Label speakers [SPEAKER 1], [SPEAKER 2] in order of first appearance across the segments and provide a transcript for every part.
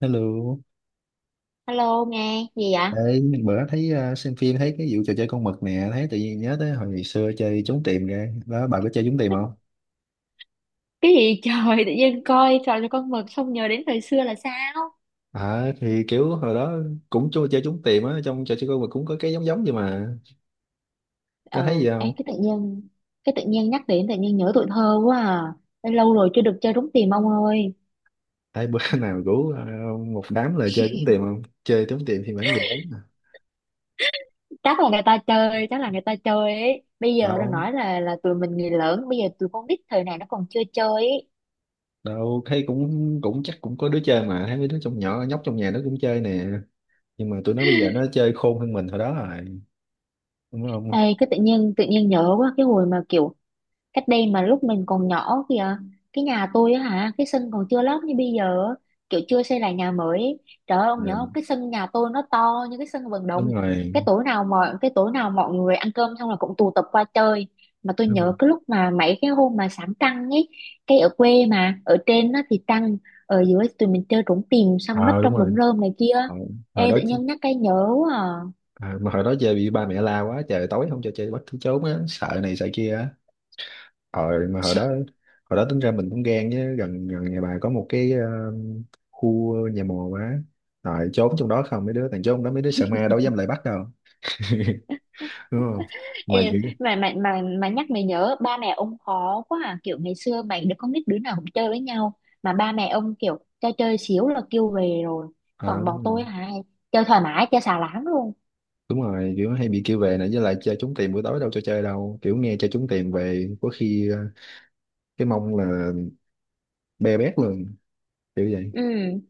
[SPEAKER 1] Hello,
[SPEAKER 2] Alo nghe gì vậy?
[SPEAKER 1] ê, bữa thấy xem phim thấy cái vụ trò chơi con mực nè, thấy tự nhiên nhớ tới hồi ngày xưa chơi trốn tìm ra. Đó, bà có chơi trốn tìm không?
[SPEAKER 2] Cái gì trời, tự nhiên coi trò cho con mực xong nhớ đến thời xưa là sao?
[SPEAKER 1] À, thì kiểu hồi đó cũng chơi chơi trốn tìm á, trong trò chơi con mực cũng có cái giống giống vậy mà. Có thấy
[SPEAKER 2] Ừ,
[SPEAKER 1] gì
[SPEAKER 2] ê,
[SPEAKER 1] không?
[SPEAKER 2] cái tự nhiên nhắc đến, tự nhiên nhớ tuổi thơ quá à. Ê, lâu rồi chưa được chơi trúng tìm ông ơi.
[SPEAKER 1] Ai bữa nào rủ một đám lời chơi trốn tìm không? Chơi trốn tìm thì bán người lớn mà.
[SPEAKER 2] Chắc là người ta chơi, chắc là người ta chơi ấy. Bây giờ đang
[SPEAKER 1] Đâu,
[SPEAKER 2] nói là tụi mình người lớn, bây giờ tụi con nít thời này nó còn chưa chơi ấy.
[SPEAKER 1] đâu, thấy cũng cũng chắc cũng có đứa chơi mà, thấy mấy đứa trong nhỏ nhóc trong nhà nó cũng chơi nè. Nhưng mà tụi nó bây giờ nó chơi khôn hơn mình hồi đó rồi, đúng
[SPEAKER 2] Ê,
[SPEAKER 1] không?
[SPEAKER 2] cái tự nhiên nhớ quá cái hồi mà kiểu cách đây, mà lúc mình còn nhỏ kìa, cái nhà tôi á hả, cái sân còn chưa lót như bây giờ á, kiểu chưa xây lại nhà mới ấy. Trời ơi, ông nhớ không,
[SPEAKER 1] Ừ,
[SPEAKER 2] cái sân nhà tôi nó to như cái sân vận động.
[SPEAKER 1] đúng rồi.
[SPEAKER 2] Cái tối nào mọi người ăn cơm xong là cũng tụ tập qua chơi, mà tôi
[SPEAKER 1] Đúng rồi.
[SPEAKER 2] nhớ cái lúc mà mấy cái hôm mà sáng trăng ấy, cái ở quê mà ở trên nó thì trăng, ở dưới tụi mình chơi trốn tìm xong nấp
[SPEAKER 1] Ờ, đúng
[SPEAKER 2] trong đống
[SPEAKER 1] rồi.
[SPEAKER 2] rơm này kia.
[SPEAKER 1] Ờ, hồi
[SPEAKER 2] Ê,
[SPEAKER 1] đó
[SPEAKER 2] tự
[SPEAKER 1] chứ-
[SPEAKER 2] nhiên nhắc cái nhớ quá à.
[SPEAKER 1] ờ, mà hồi đó chơi bị ba mẹ la quá trời, tối không cho chơi, bắt cứ trốn á, sợ này sợ kia á. Ờ mà hồi đó tính ra mình cũng gan chứ, gần gần nhà bà có một cái khu nhà mồ quá, rồi trốn trong đó. Không mấy đứa thằng trốn trong đó, mấy đứa sợ ma đâu dám lại bắt đâu. Đúng không? Mà
[SPEAKER 2] Ê,
[SPEAKER 1] kiểu,
[SPEAKER 2] mà nhắc mày nhớ ba mẹ ông khó quá à, kiểu ngày xưa mày đứa con nít đứa nào cũng chơi với nhau, mà ba mẹ ông kiểu cho chơi xíu là kêu về rồi.
[SPEAKER 1] ờ,
[SPEAKER 2] Còn
[SPEAKER 1] đúng
[SPEAKER 2] bọn tôi
[SPEAKER 1] rồi.
[SPEAKER 2] hả, chơi thoải mái chơi xà láng luôn.
[SPEAKER 1] Đúng rồi, kiểu hay bị kêu về này, với lại chơi trốn tìm buổi tối đâu cho chơi đâu, kiểu nghe chơi trốn tìm về có khi cái mông là be bét luôn, kiểu vậy.
[SPEAKER 2] Ừ,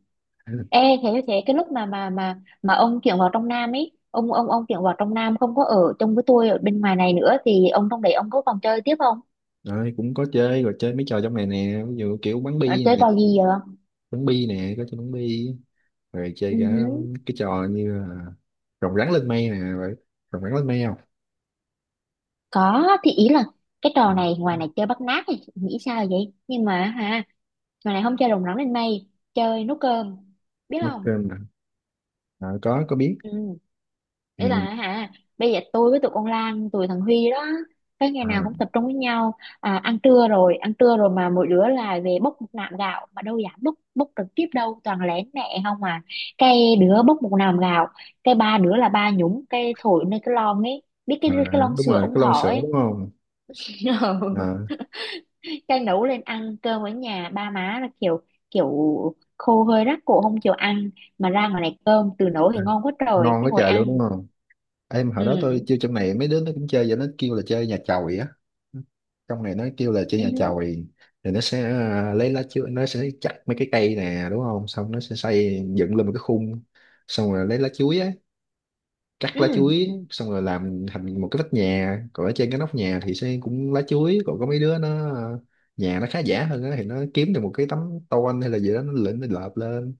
[SPEAKER 2] ê, thế thế cái lúc mà ông chuyển vào trong Nam ấy, ông chuyển vào trong Nam không có ở chung với tôi ở bên ngoài này nữa, thì ông trong đấy ông có còn chơi tiếp không?
[SPEAKER 1] Đấy, cũng có chơi rồi, chơi mấy trò trong này nè, ví dụ kiểu bắn
[SPEAKER 2] Ờ,
[SPEAKER 1] bi
[SPEAKER 2] chơi
[SPEAKER 1] nè
[SPEAKER 2] trò gì vậy?
[SPEAKER 1] bắn bi nè có chơi bắn bi, rồi chơi
[SPEAKER 2] Ừ
[SPEAKER 1] cả
[SPEAKER 2] hứ.
[SPEAKER 1] cái trò như là rồng rắn lên mây nè, vậy rồng rắn lên mây không?
[SPEAKER 2] Có thì ý là cái
[SPEAKER 1] Ừ,
[SPEAKER 2] trò này ngoài này chơi bắt nạt thì nghĩ sao vậy, nhưng mà hả. Mà này không chơi rồng rắn lên mây. Chơi nấu cơm. Biết
[SPEAKER 1] nút
[SPEAKER 2] không?
[SPEAKER 1] trên nè. Có biết.
[SPEAKER 2] Ừ. Đấy
[SPEAKER 1] Ừ.
[SPEAKER 2] là hả. Bây giờ tôi với tụi con Lan, tụi thằng Huy đó, cái ngày
[SPEAKER 1] à,
[SPEAKER 2] nào cũng tập trung với nhau. À, ăn trưa rồi, ăn trưa rồi mà mỗi đứa là về bốc một nạm gạo. Mà đâu dám bốc, bốc trực tiếp đâu, toàn lén mẹ không à. Cái đứa bốc một nạm gạo, cái ba đứa là ba nhúng, cái thổi nơi cái lon ấy. Biết cái
[SPEAKER 1] à,
[SPEAKER 2] cái lon
[SPEAKER 1] đúng
[SPEAKER 2] sữa
[SPEAKER 1] rồi,
[SPEAKER 2] ông
[SPEAKER 1] cái lon
[SPEAKER 2] thỏ
[SPEAKER 1] sữa
[SPEAKER 2] ấy.
[SPEAKER 1] đúng không? à,
[SPEAKER 2] Cái nấu lên ăn, cơm ở nhà ba má là kiểu kiểu khô, hơi rát cổ không chịu ăn, mà ra ngoài này cơm từ nấu
[SPEAKER 1] à,
[SPEAKER 2] thì ngon quá trời,
[SPEAKER 1] ngon
[SPEAKER 2] cái
[SPEAKER 1] quá
[SPEAKER 2] ngồi
[SPEAKER 1] trời luôn, đúng
[SPEAKER 2] ăn.
[SPEAKER 1] không? Em hồi đó tôi
[SPEAKER 2] Ừ.
[SPEAKER 1] chơi trong này, mấy đứa nó cũng chơi và nó kêu là chơi nhà chòi á. Trong này nó kêu là chơi nhà
[SPEAKER 2] Ừ.
[SPEAKER 1] chòi. Thì nó sẽ lấy lá chuối, nó sẽ chặt mấy cái cây nè, đúng không, xong nó sẽ xây dựng lên một cái khung. Xong rồi lấy lá chuối á, cắt lá
[SPEAKER 2] Ừ.
[SPEAKER 1] chuối xong rồi làm thành một cái vách nhà, còn ở trên cái nóc nhà thì sẽ cũng lá chuối. Còn có mấy đứa nó nhà nó khá giả hơn á thì nó kiếm được một cái tấm tôn hay là gì đó, nó lên nó lợp lên,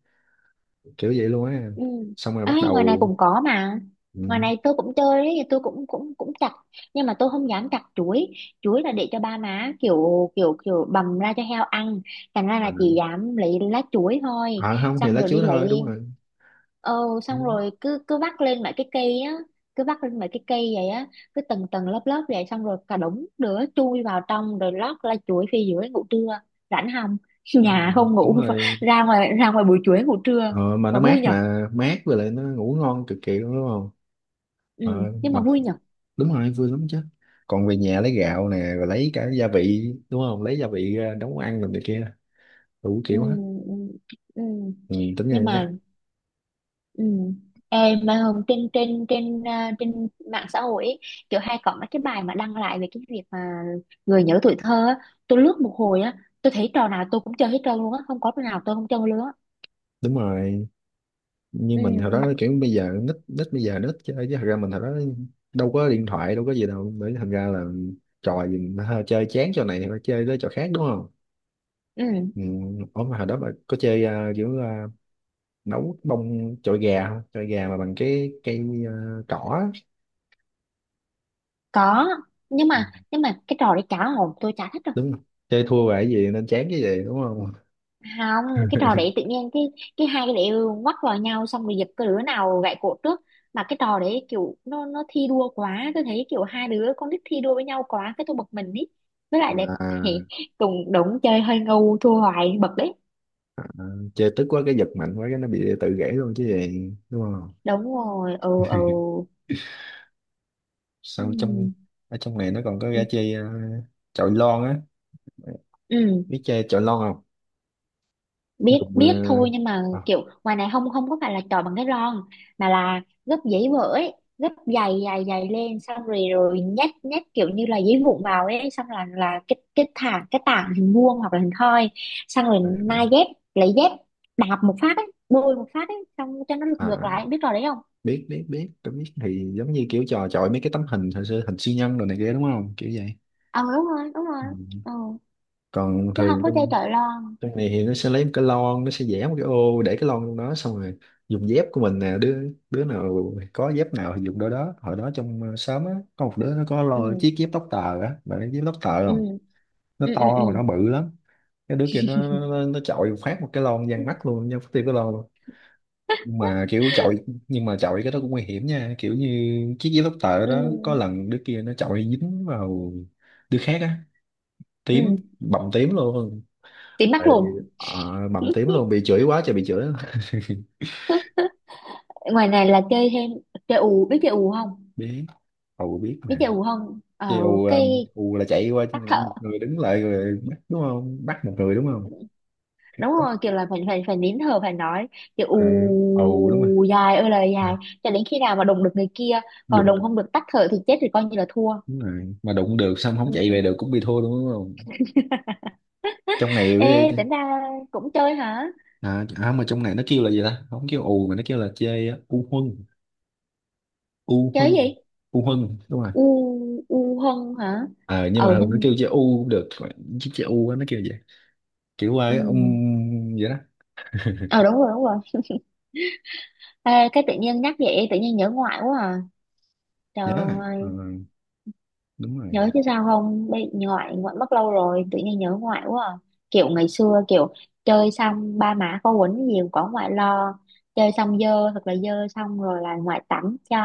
[SPEAKER 1] kiểu vậy luôn á.
[SPEAKER 2] Ừ.
[SPEAKER 1] Xong rồi
[SPEAKER 2] Ê,
[SPEAKER 1] bắt
[SPEAKER 2] ngoài này
[SPEAKER 1] đầu.
[SPEAKER 2] cũng có mà. Ngoài
[SPEAKER 1] Ừ.
[SPEAKER 2] này tôi cũng chơi ấy, tôi cũng cũng cũng chặt, nhưng mà tôi không dám chặt chuối. Chuối là để cho ba má kiểu kiểu kiểu bầm ra cho heo ăn, thành ra là chỉ dám lấy lá chuối thôi.
[SPEAKER 1] Không thì
[SPEAKER 2] Xong
[SPEAKER 1] lá
[SPEAKER 2] rồi đi
[SPEAKER 1] chuối thôi, đúng
[SPEAKER 2] lấy,
[SPEAKER 1] rồi.
[SPEAKER 2] ờ, xong
[SPEAKER 1] Đúng,
[SPEAKER 2] rồi cứ cứ vắt lên mấy cái cây á, cứ vắt lên mấy cái cây vậy á, cứ tầng tầng lớp lớp vậy, xong rồi cả đống đứa chui vào trong rồi lót lá chuối phía dưới ngủ trưa. Rảnh không! Nhà
[SPEAKER 1] đúng,
[SPEAKER 2] không
[SPEAKER 1] đúng
[SPEAKER 2] ngủ,
[SPEAKER 1] rồi.
[SPEAKER 2] ra ngoài buổi chuối ngủ trưa.
[SPEAKER 1] Ờ, mà nó
[SPEAKER 2] Và vui
[SPEAKER 1] mát,
[SPEAKER 2] nhở.
[SPEAKER 1] mà mát với lại nó ngủ ngon cực kỳ luôn, đúng không?
[SPEAKER 2] Ừ,
[SPEAKER 1] ờ,
[SPEAKER 2] nhưng
[SPEAKER 1] mà
[SPEAKER 2] mà vui nhở.
[SPEAKER 1] đúng rồi, vui lắm chứ. Còn về nhà lấy gạo nè, rồi lấy cả gia vị đúng không, lấy gia vị ra nấu ăn rồi này kia, đủ
[SPEAKER 2] Ừ.
[SPEAKER 1] kiểu hết.
[SPEAKER 2] Ừ. Ừ.
[SPEAKER 1] Ừ, tính ra
[SPEAKER 2] Nhưng mà.
[SPEAKER 1] nhá.
[SPEAKER 2] Ừ. Ê, mà hôm trên trên trên à, trên mạng xã hội ấy, kiểu hay có mấy cái bài mà đăng lại về cái việc mà người nhớ tuổi thơ á, tôi lướt một hồi á, tôi thấy trò nào tôi cũng chơi hết trơn luôn á, không có trò nào tôi không chơi luôn á.
[SPEAKER 1] Đúng rồi,
[SPEAKER 2] Ừ.
[SPEAKER 1] nhưng mình hồi đó kiểu bây giờ nít, nít bây giờ nít chơi chứ thật ra mình hồi đó đâu có điện thoại, đâu có gì đâu, bởi thành ra là trò gì mà hơi chơi chán trò này thì phải chơi tới trò khác, đúng không.
[SPEAKER 2] Ừ.
[SPEAKER 1] Ừ. Ủa mà hồi đó bà có chơi kiểu nấu bông chọi gà không, chọi gà mà bằng cái cây cỏ á?
[SPEAKER 2] Có. Nhưng mà cái trò đấy cá hồn tôi chả thích.
[SPEAKER 1] Đúng không? Chơi thua về cái gì nên chán cái gì, đúng không?
[SPEAKER 2] Không, cái trò đấy tự nhiên cái hai cái đấy quắc vào nhau xong rồi giật, cái đứa nào gãy cổ trước. Mà cái trò đấy kiểu nó thi đua quá, tôi thấy kiểu hai đứa con nít thi đua với nhau quá cái tôi bực mình ý, với lại để
[SPEAKER 1] à,
[SPEAKER 2] cùng đống chơi hơi ngu thua hoài bực đấy.
[SPEAKER 1] à, Chơi tức quá cái giật mạnh quá cái nó bị tự gãy luôn chứ gì, đúng không?
[SPEAKER 2] Đúng rồi. Ừ. Ừ.
[SPEAKER 1] Sau trong ở trong này nó còn có gã
[SPEAKER 2] Ừ.
[SPEAKER 1] chơi chọi lon á,
[SPEAKER 2] Ừ.
[SPEAKER 1] biết chơi chọi lon không?
[SPEAKER 2] biết
[SPEAKER 1] Dùng
[SPEAKER 2] biết thôi, nhưng mà
[SPEAKER 1] à,
[SPEAKER 2] kiểu ngoài này không, có phải là chọi bằng cái ron, mà là gấp giấy vỡ, gấp dày dày dày lên xong rồi rồi nhét, nhét kiểu như là giấy vụn vào ấy, xong là cái thả cái tảng hình vuông hoặc là hình thoi, xong rồi nai dép, lấy dép, đạp một phát ấy, bôi một phát ấy, xong cho nó lật ngược
[SPEAKER 1] à,
[SPEAKER 2] lại. Biết trò đấy không?
[SPEAKER 1] biết biết biết, tôi biết thì giống như kiểu trò chọi mấy cái tấm hình hồi xưa, hình siêu nhân đồ này kia, đúng không, kiểu vậy.
[SPEAKER 2] Ờ, đúng rồi, đúng rồi.
[SPEAKER 1] Ừ.
[SPEAKER 2] Ờ.
[SPEAKER 1] Còn
[SPEAKER 2] Chứ không
[SPEAKER 1] thường
[SPEAKER 2] có chơi chọi lon.
[SPEAKER 1] trong này thì nó sẽ lấy một cái lon, nó sẽ vẽ một cái ô để cái lon trong đó, xong rồi dùng dép của mình nè, đứa đứa nào có dép nào thì dùng đôi đó. Hồi đó trong xóm á có một đứa nó có
[SPEAKER 2] Ừ.
[SPEAKER 1] lo chiếc dép tóc tờ á, bạn biết dép tóc tờ
[SPEAKER 2] Ừ.
[SPEAKER 1] không? Nó
[SPEAKER 2] Ừ.
[SPEAKER 1] to
[SPEAKER 2] Ừ. Ừ.
[SPEAKER 1] mà nó bự lắm. Cái đứa kia nó chọi phát một cái lon
[SPEAKER 2] Ừ.
[SPEAKER 1] giang mắt luôn nha, tiêu cái lon luôn. Nhưng mà kiểu chọi, nhưng mà chọi cái đó cũng nguy hiểm nha, kiểu như chiếc dép tóc tờ đó có
[SPEAKER 2] Ừ.
[SPEAKER 1] lần đứa kia nó chọi dính vào đứa khác á, tím,
[SPEAKER 2] Ừ.
[SPEAKER 1] bầm tím luôn.
[SPEAKER 2] Tím mắt
[SPEAKER 1] Tại bị
[SPEAKER 2] luôn.
[SPEAKER 1] ờ, bầm tím luôn, bị chửi quá trời, bị chửi.
[SPEAKER 2] Ngoài này là chơi thêm, chơi ù. Biết chơi ù không?
[SPEAKER 1] Biết. Ù biết
[SPEAKER 2] Biết
[SPEAKER 1] mà,
[SPEAKER 2] chơi ù không? Ờ,
[SPEAKER 1] chứ ù
[SPEAKER 2] cái
[SPEAKER 1] ù là chạy qua một
[SPEAKER 2] tắt thở.
[SPEAKER 1] người đứng lại rồi bắt đúng không, bắt một người, đúng không?
[SPEAKER 2] Đúng rồi, kiểu là phải phải phải nín thở phải nói, kiểu
[SPEAKER 1] à, Ù đúng rồi.
[SPEAKER 2] ù dài ơi là
[SPEAKER 1] Ừ,
[SPEAKER 2] dài, cho đến khi nào mà đụng được người kia. Còn
[SPEAKER 1] đụng
[SPEAKER 2] đụng không được, tắt thở thì chết, thì coi như là thua.
[SPEAKER 1] đúng rồi, mà đụng được xong không chạy về
[SPEAKER 2] Ừ.
[SPEAKER 1] được cũng bị thua luôn, đúng không? Trong này
[SPEAKER 2] Ê,
[SPEAKER 1] với.
[SPEAKER 2] tính ra cũng chơi hả?
[SPEAKER 1] À mà trong này nó kêu là gì ta, không kêu ù mà nó kêu là chơi á, u huân, u
[SPEAKER 2] Chơi
[SPEAKER 1] huân
[SPEAKER 2] gì?
[SPEAKER 1] u huân, đúng rồi.
[SPEAKER 2] U. U hân hả?
[SPEAKER 1] Ờ nhưng mà
[SPEAKER 2] Ờ
[SPEAKER 1] thường nó
[SPEAKER 2] hình.
[SPEAKER 1] kêu chơi u cũng được, chứ chơi u á, nó kêu vậy, kiểu ai ông
[SPEAKER 2] Ừ.
[SPEAKER 1] vậy đó,
[SPEAKER 2] Ờ, đúng rồi, đúng rồi. Ê, cái tự nhiên nhắc vậy tự nhiên nhớ ngoại quá à. Trời
[SPEAKER 1] nhớ à? Ờ,
[SPEAKER 2] ơi.
[SPEAKER 1] đúng rồi.
[SPEAKER 2] Nhớ chứ sao không, bị ngoại, ngoại mất lâu rồi, tự nhiên nhớ ngoại quá à. Kiểu ngày xưa, kiểu chơi xong ba má có quấn nhiều, có ngoại lo, chơi xong dơ thật là dơ xong rồi là ngoại tắm cho,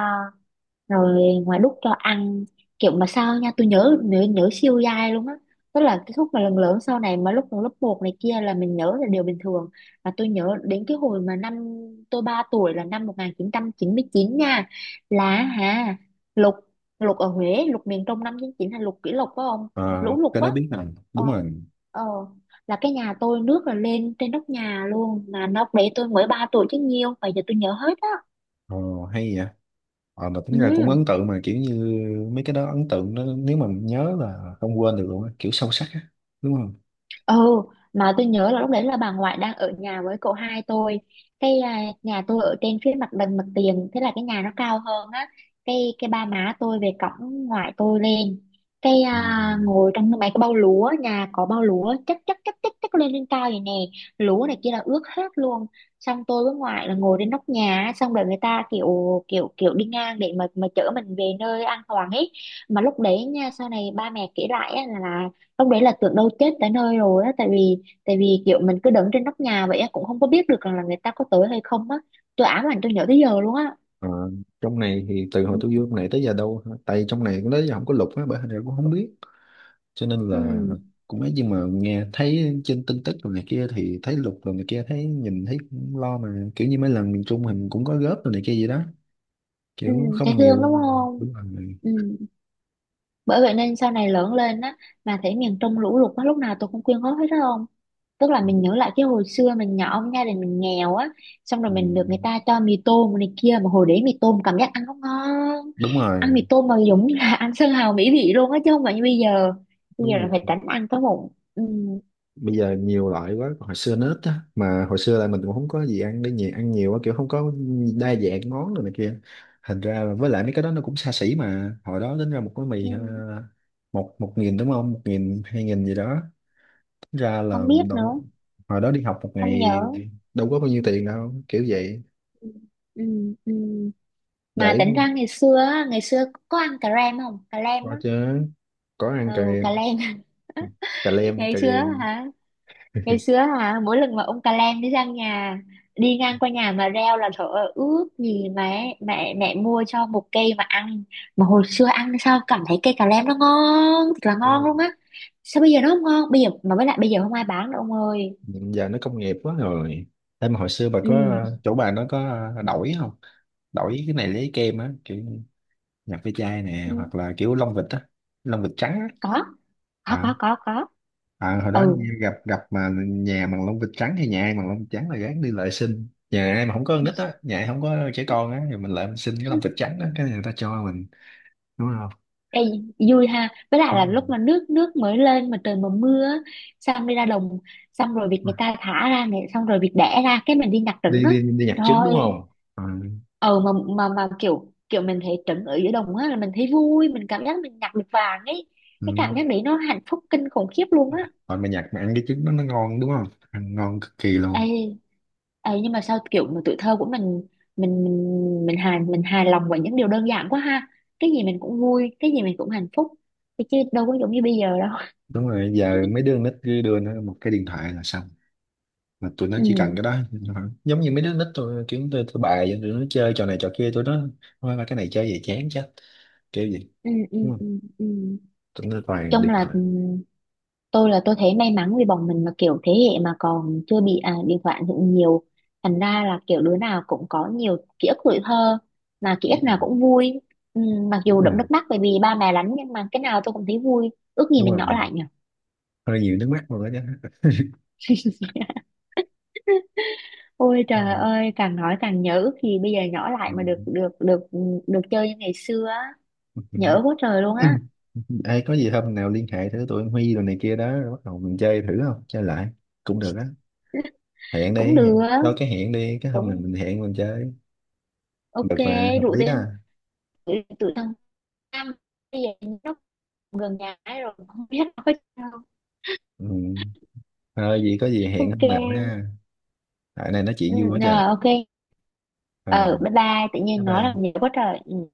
[SPEAKER 2] rồi ngoài đút cho ăn. Kiểu mà sao nha, tôi nhớ nhớ, nhớ siêu dai luôn á, tức là cái khúc mà lần lớn sau này mà lúc mà lớp một này kia là mình nhớ là điều bình thường. Và tôi nhớ đến cái hồi mà năm tôi 3 tuổi là năm 1999 nha, là hả, lục, lục ở Huế, lục miền Trung, năm 99 là lục kỷ lục phải không.
[SPEAKER 1] Ờ,
[SPEAKER 2] Lũ lụt
[SPEAKER 1] cái
[SPEAKER 2] á.
[SPEAKER 1] đó biết nè,
[SPEAKER 2] Ờ.
[SPEAKER 1] đúng rồi.
[SPEAKER 2] Ờ. Là cái nhà tôi nước là lên trên nóc nhà luôn, mà nóc đấy tôi mới 3 tuổi chứ nhiêu, bây giờ tôi nhớ hết á.
[SPEAKER 1] Ờ, hay vậy. Ờ, mà tính ra cũng
[SPEAKER 2] Ừ.
[SPEAKER 1] ấn tượng, mà kiểu như mấy cái đó ấn tượng đó, nếu mà nhớ là không quên được luôn á, kiểu sâu sắc á, đúng không.
[SPEAKER 2] Ừ. Mà tôi nhớ là lúc đấy là bà ngoại đang ở nhà với cậu hai tôi. Cái nhà tôi ở trên phía mặt bằng mặt tiền, thế là cái nhà nó cao hơn á. Cái ba má tôi về cổng ngoại tôi lên, cái
[SPEAKER 1] Ừ.
[SPEAKER 2] à, ngồi trong mấy cái bao lúa, nhà có bao lúa chất chất chất chất chất lên lên cao vậy nè, lúa này kia là ướt hết luôn. Xong tôi với ngoại là ngồi trên nóc nhà á, xong rồi người ta kiểu kiểu kiểu đi ngang để mà chở mình về nơi an toàn ấy. Mà lúc đấy nha, sau này ba mẹ kể lại á, là lúc đấy là tưởng đâu chết tới nơi rồi á, tại vì, tại vì kiểu mình cứ đứng trên nóc nhà vậy á, cũng không có biết được rằng là người ta có tới hay không á. Tôi ám ảnh, tôi nhớ tới giờ luôn á.
[SPEAKER 1] Ờ, trong này thì từ hồi
[SPEAKER 2] Ừ.
[SPEAKER 1] tôi vô trong này tới giờ đâu hả? Tại trong này cũng tới giờ không có lục á, bởi hình ra cũng không biết, cho nên là
[SPEAKER 2] Ừ.
[SPEAKER 1] cũng ấy, nhưng mà nghe thấy trên tin tức rồi này kia thì thấy lục rồi này kia, thấy nhìn thấy cũng lo mà, kiểu như mấy lần miền Trung mình cũng có góp rồi này kia gì đó,
[SPEAKER 2] Ừ.
[SPEAKER 1] kiểu
[SPEAKER 2] Thấy
[SPEAKER 1] không
[SPEAKER 2] thương,
[SPEAKER 1] nhiều.
[SPEAKER 2] đúng không.
[SPEAKER 1] Đúng rồi.
[SPEAKER 2] Ừ. Bởi vậy nên sau này lớn lên á, mà thấy miền Trung lũ lụt á, lúc nào tôi cũng quyên góp hết đó ông. Tức là mình nhớ lại cái hồi xưa mình nhỏ, gia đình mình nghèo á, xong rồi
[SPEAKER 1] Ừ.
[SPEAKER 2] mình được người ta cho mì tôm này kia, mà hồi đấy mì tôm cảm giác ăn nó ngon,
[SPEAKER 1] Đúng
[SPEAKER 2] ăn
[SPEAKER 1] rồi.
[SPEAKER 2] mì tôm mà giống như là ăn sơn hào mỹ vị luôn á, chứ không phải như bây giờ. Bây
[SPEAKER 1] Đúng
[SPEAKER 2] giờ là
[SPEAKER 1] rồi.
[SPEAKER 2] phải tránh ăn cái bụng. Ừ.
[SPEAKER 1] Bây giờ nhiều loại quá, còn hồi xưa nó ít á, mà hồi xưa là mình cũng không có gì ăn để nhẹ, ăn nhiều á, kiểu không có đa dạng món rồi này kia, thành ra là với lại mấy cái đó nó cũng xa xỉ, mà hồi đó tính ra một cái
[SPEAKER 2] Ừ.
[SPEAKER 1] mì một một nghìn đúng không, 1.000 2.000 gì đó, tính ra là
[SPEAKER 2] Không biết nữa.
[SPEAKER 1] đâu, hồi đó đi học một
[SPEAKER 2] Không
[SPEAKER 1] ngày
[SPEAKER 2] nhớ.
[SPEAKER 1] đâu có bao nhiêu tiền đâu, kiểu vậy.
[SPEAKER 2] Ừ. Ừ. Ừ.
[SPEAKER 1] Để
[SPEAKER 2] Mà tỉnh ra ngày xưa á, ngày xưa có ăn cà rem không, cà lem
[SPEAKER 1] coi
[SPEAKER 2] á.
[SPEAKER 1] chứ, có ăn cà
[SPEAKER 2] Ừ, cà lem.
[SPEAKER 1] cà lem
[SPEAKER 2] Ngày
[SPEAKER 1] cà
[SPEAKER 2] xưa á
[SPEAKER 1] lem,
[SPEAKER 2] hả, ngày xưa hả, mỗi lần mà ông cà lem đi sang nhà, đi ngang qua nhà mà reo là trời ơi, ước gì mẹ mẹ mẹ mua cho một cây mà ăn. Mà hồi xưa ăn sao cảm thấy cây cà lem nó ngon thật là ngon luôn á, sao bây giờ nó không ngon? Bây giờ mà với lại bây giờ không ai bán nữa ông ơi.
[SPEAKER 1] Giờ nó công nghiệp quá rồi. Em mà hồi xưa bà
[SPEAKER 2] Ừ.
[SPEAKER 1] có chỗ bà nó có đổi không, đổi cái này lấy kem á, kiểu nhập ve chai nè
[SPEAKER 2] Ừ.
[SPEAKER 1] hoặc là kiểu lông vịt á, lông vịt trắng á.
[SPEAKER 2] Có. Có. Có.
[SPEAKER 1] à,
[SPEAKER 2] Có. Có.
[SPEAKER 1] Hồi đó
[SPEAKER 2] Ừ.
[SPEAKER 1] như gặp gặp mà nhà bằng lông vịt trắng thì nhà ai bằng lông vịt trắng là gán đi lại xin, nhà ai mà không có con nít á, nhà ai không có trẻ con á thì mình lại mình xin cái lông vịt trắng á, cái này người ta cho mình, đúng không.
[SPEAKER 2] Ê, vui ha, với lại
[SPEAKER 1] Ừ.
[SPEAKER 2] là lúc mà nước nước mới lên mà trời mà mưa á, xong đi ra đồng, xong rồi việc người ta thả ra này, xong rồi việc đẻ ra, cái mình đi nhặt trứng
[SPEAKER 1] đi
[SPEAKER 2] á.
[SPEAKER 1] đi đi nhặt trứng đúng
[SPEAKER 2] Trời.
[SPEAKER 1] không? Ừ.
[SPEAKER 2] Ờ mà, mà kiểu kiểu mình thấy trứng ở giữa đồng á là mình thấy vui, mình cảm giác mình nhặt được vàng ấy,
[SPEAKER 1] Ừ.
[SPEAKER 2] cái cảm giác đấy nó hạnh phúc kinh khủng khiếp luôn á.
[SPEAKER 1] Rồi mà nhặt mà ăn cái trứng đó nó ngon, đúng không? Ăn ngon cực kỳ luôn.
[SPEAKER 2] Ê, nhưng mà sao kiểu mà tuổi thơ của mình, mình hài, mình hài lòng với những điều đơn giản quá ha, cái gì mình cũng vui, cái gì mình cũng hạnh phúc, chứ đâu có giống như bây giờ đâu.
[SPEAKER 1] Đúng rồi, giờ mấy đứa con nít cứ đưa nó một cái điện thoại là xong, mà tụi nó chỉ cần
[SPEAKER 2] Ừ.
[SPEAKER 1] cái đó. Giống như mấy đứa nít tôi kiểu tôi tụi bài vậy, tụi nó chơi trò này trò kia, tụi nó thôi mà cái này chơi về chán chết, kiểu gì
[SPEAKER 2] Ừ. Ừ.
[SPEAKER 1] đúng không,
[SPEAKER 2] Ừ. Ừ.
[SPEAKER 1] tụi nó toàn
[SPEAKER 2] Chung
[SPEAKER 1] điện
[SPEAKER 2] là
[SPEAKER 1] thoại.
[SPEAKER 2] ừ, tôi là tôi thấy may mắn vì bọn mình là kiểu thế hệ mà còn chưa bị điện thoại ảnh hưởng nhiều, thành ra là kiểu đứa nào cũng có nhiều ký ức tuổi thơ, mà ký
[SPEAKER 1] Đúng
[SPEAKER 2] ức nào
[SPEAKER 1] rồi.
[SPEAKER 2] cũng vui. Ừ, mặc
[SPEAKER 1] Đúng
[SPEAKER 2] dù đẫm
[SPEAKER 1] rồi.
[SPEAKER 2] nước mắt bởi vì ba mẹ đánh, nhưng mà cái nào tôi cũng thấy vui. Ước gì
[SPEAKER 1] Đúng
[SPEAKER 2] mình
[SPEAKER 1] rồi,
[SPEAKER 2] nhỏ lại nhỉ.
[SPEAKER 1] hơi nhiều nước mắt rồi đó chứ.
[SPEAKER 2] Ôi trời ơi, càng nói càng nhớ, ước gì bây giờ nhỏ lại mà được được được được chơi như ngày xưa á. Nhớ quá trời luôn
[SPEAKER 1] Ừ.
[SPEAKER 2] á.
[SPEAKER 1] Ừ. Ai có gì hôm nào liên hệ thử tụi anh Huy rồi này kia đó, rồi bắt đầu mình chơi thử, không chơi lại cũng được á, hẹn
[SPEAKER 2] Cũng
[SPEAKER 1] đi
[SPEAKER 2] được.
[SPEAKER 1] hẹn. Đâu, cái hẹn đi, cái hôm này
[SPEAKER 2] Cũng.
[SPEAKER 1] mình hẹn mình chơi
[SPEAKER 2] Ok.
[SPEAKER 1] được mà, hợp
[SPEAKER 2] Rủ
[SPEAKER 1] lý đó.
[SPEAKER 2] tên tụi tụi thằng Nam bây giờ gần nhà ấy, rồi không biết nói sao.
[SPEAKER 1] Ừ. Ờ, gì có gì hẹn
[SPEAKER 2] Ok.
[SPEAKER 1] hôm nào ha. Tại này nói chuyện
[SPEAKER 2] Ừ,
[SPEAKER 1] vui quá trời.
[SPEAKER 2] rồi ok.
[SPEAKER 1] Ờ,
[SPEAKER 2] Ừ, bye bye, tự
[SPEAKER 1] bye
[SPEAKER 2] nhiên nói là
[SPEAKER 1] bye.
[SPEAKER 2] nhiều quá trời. Ừ.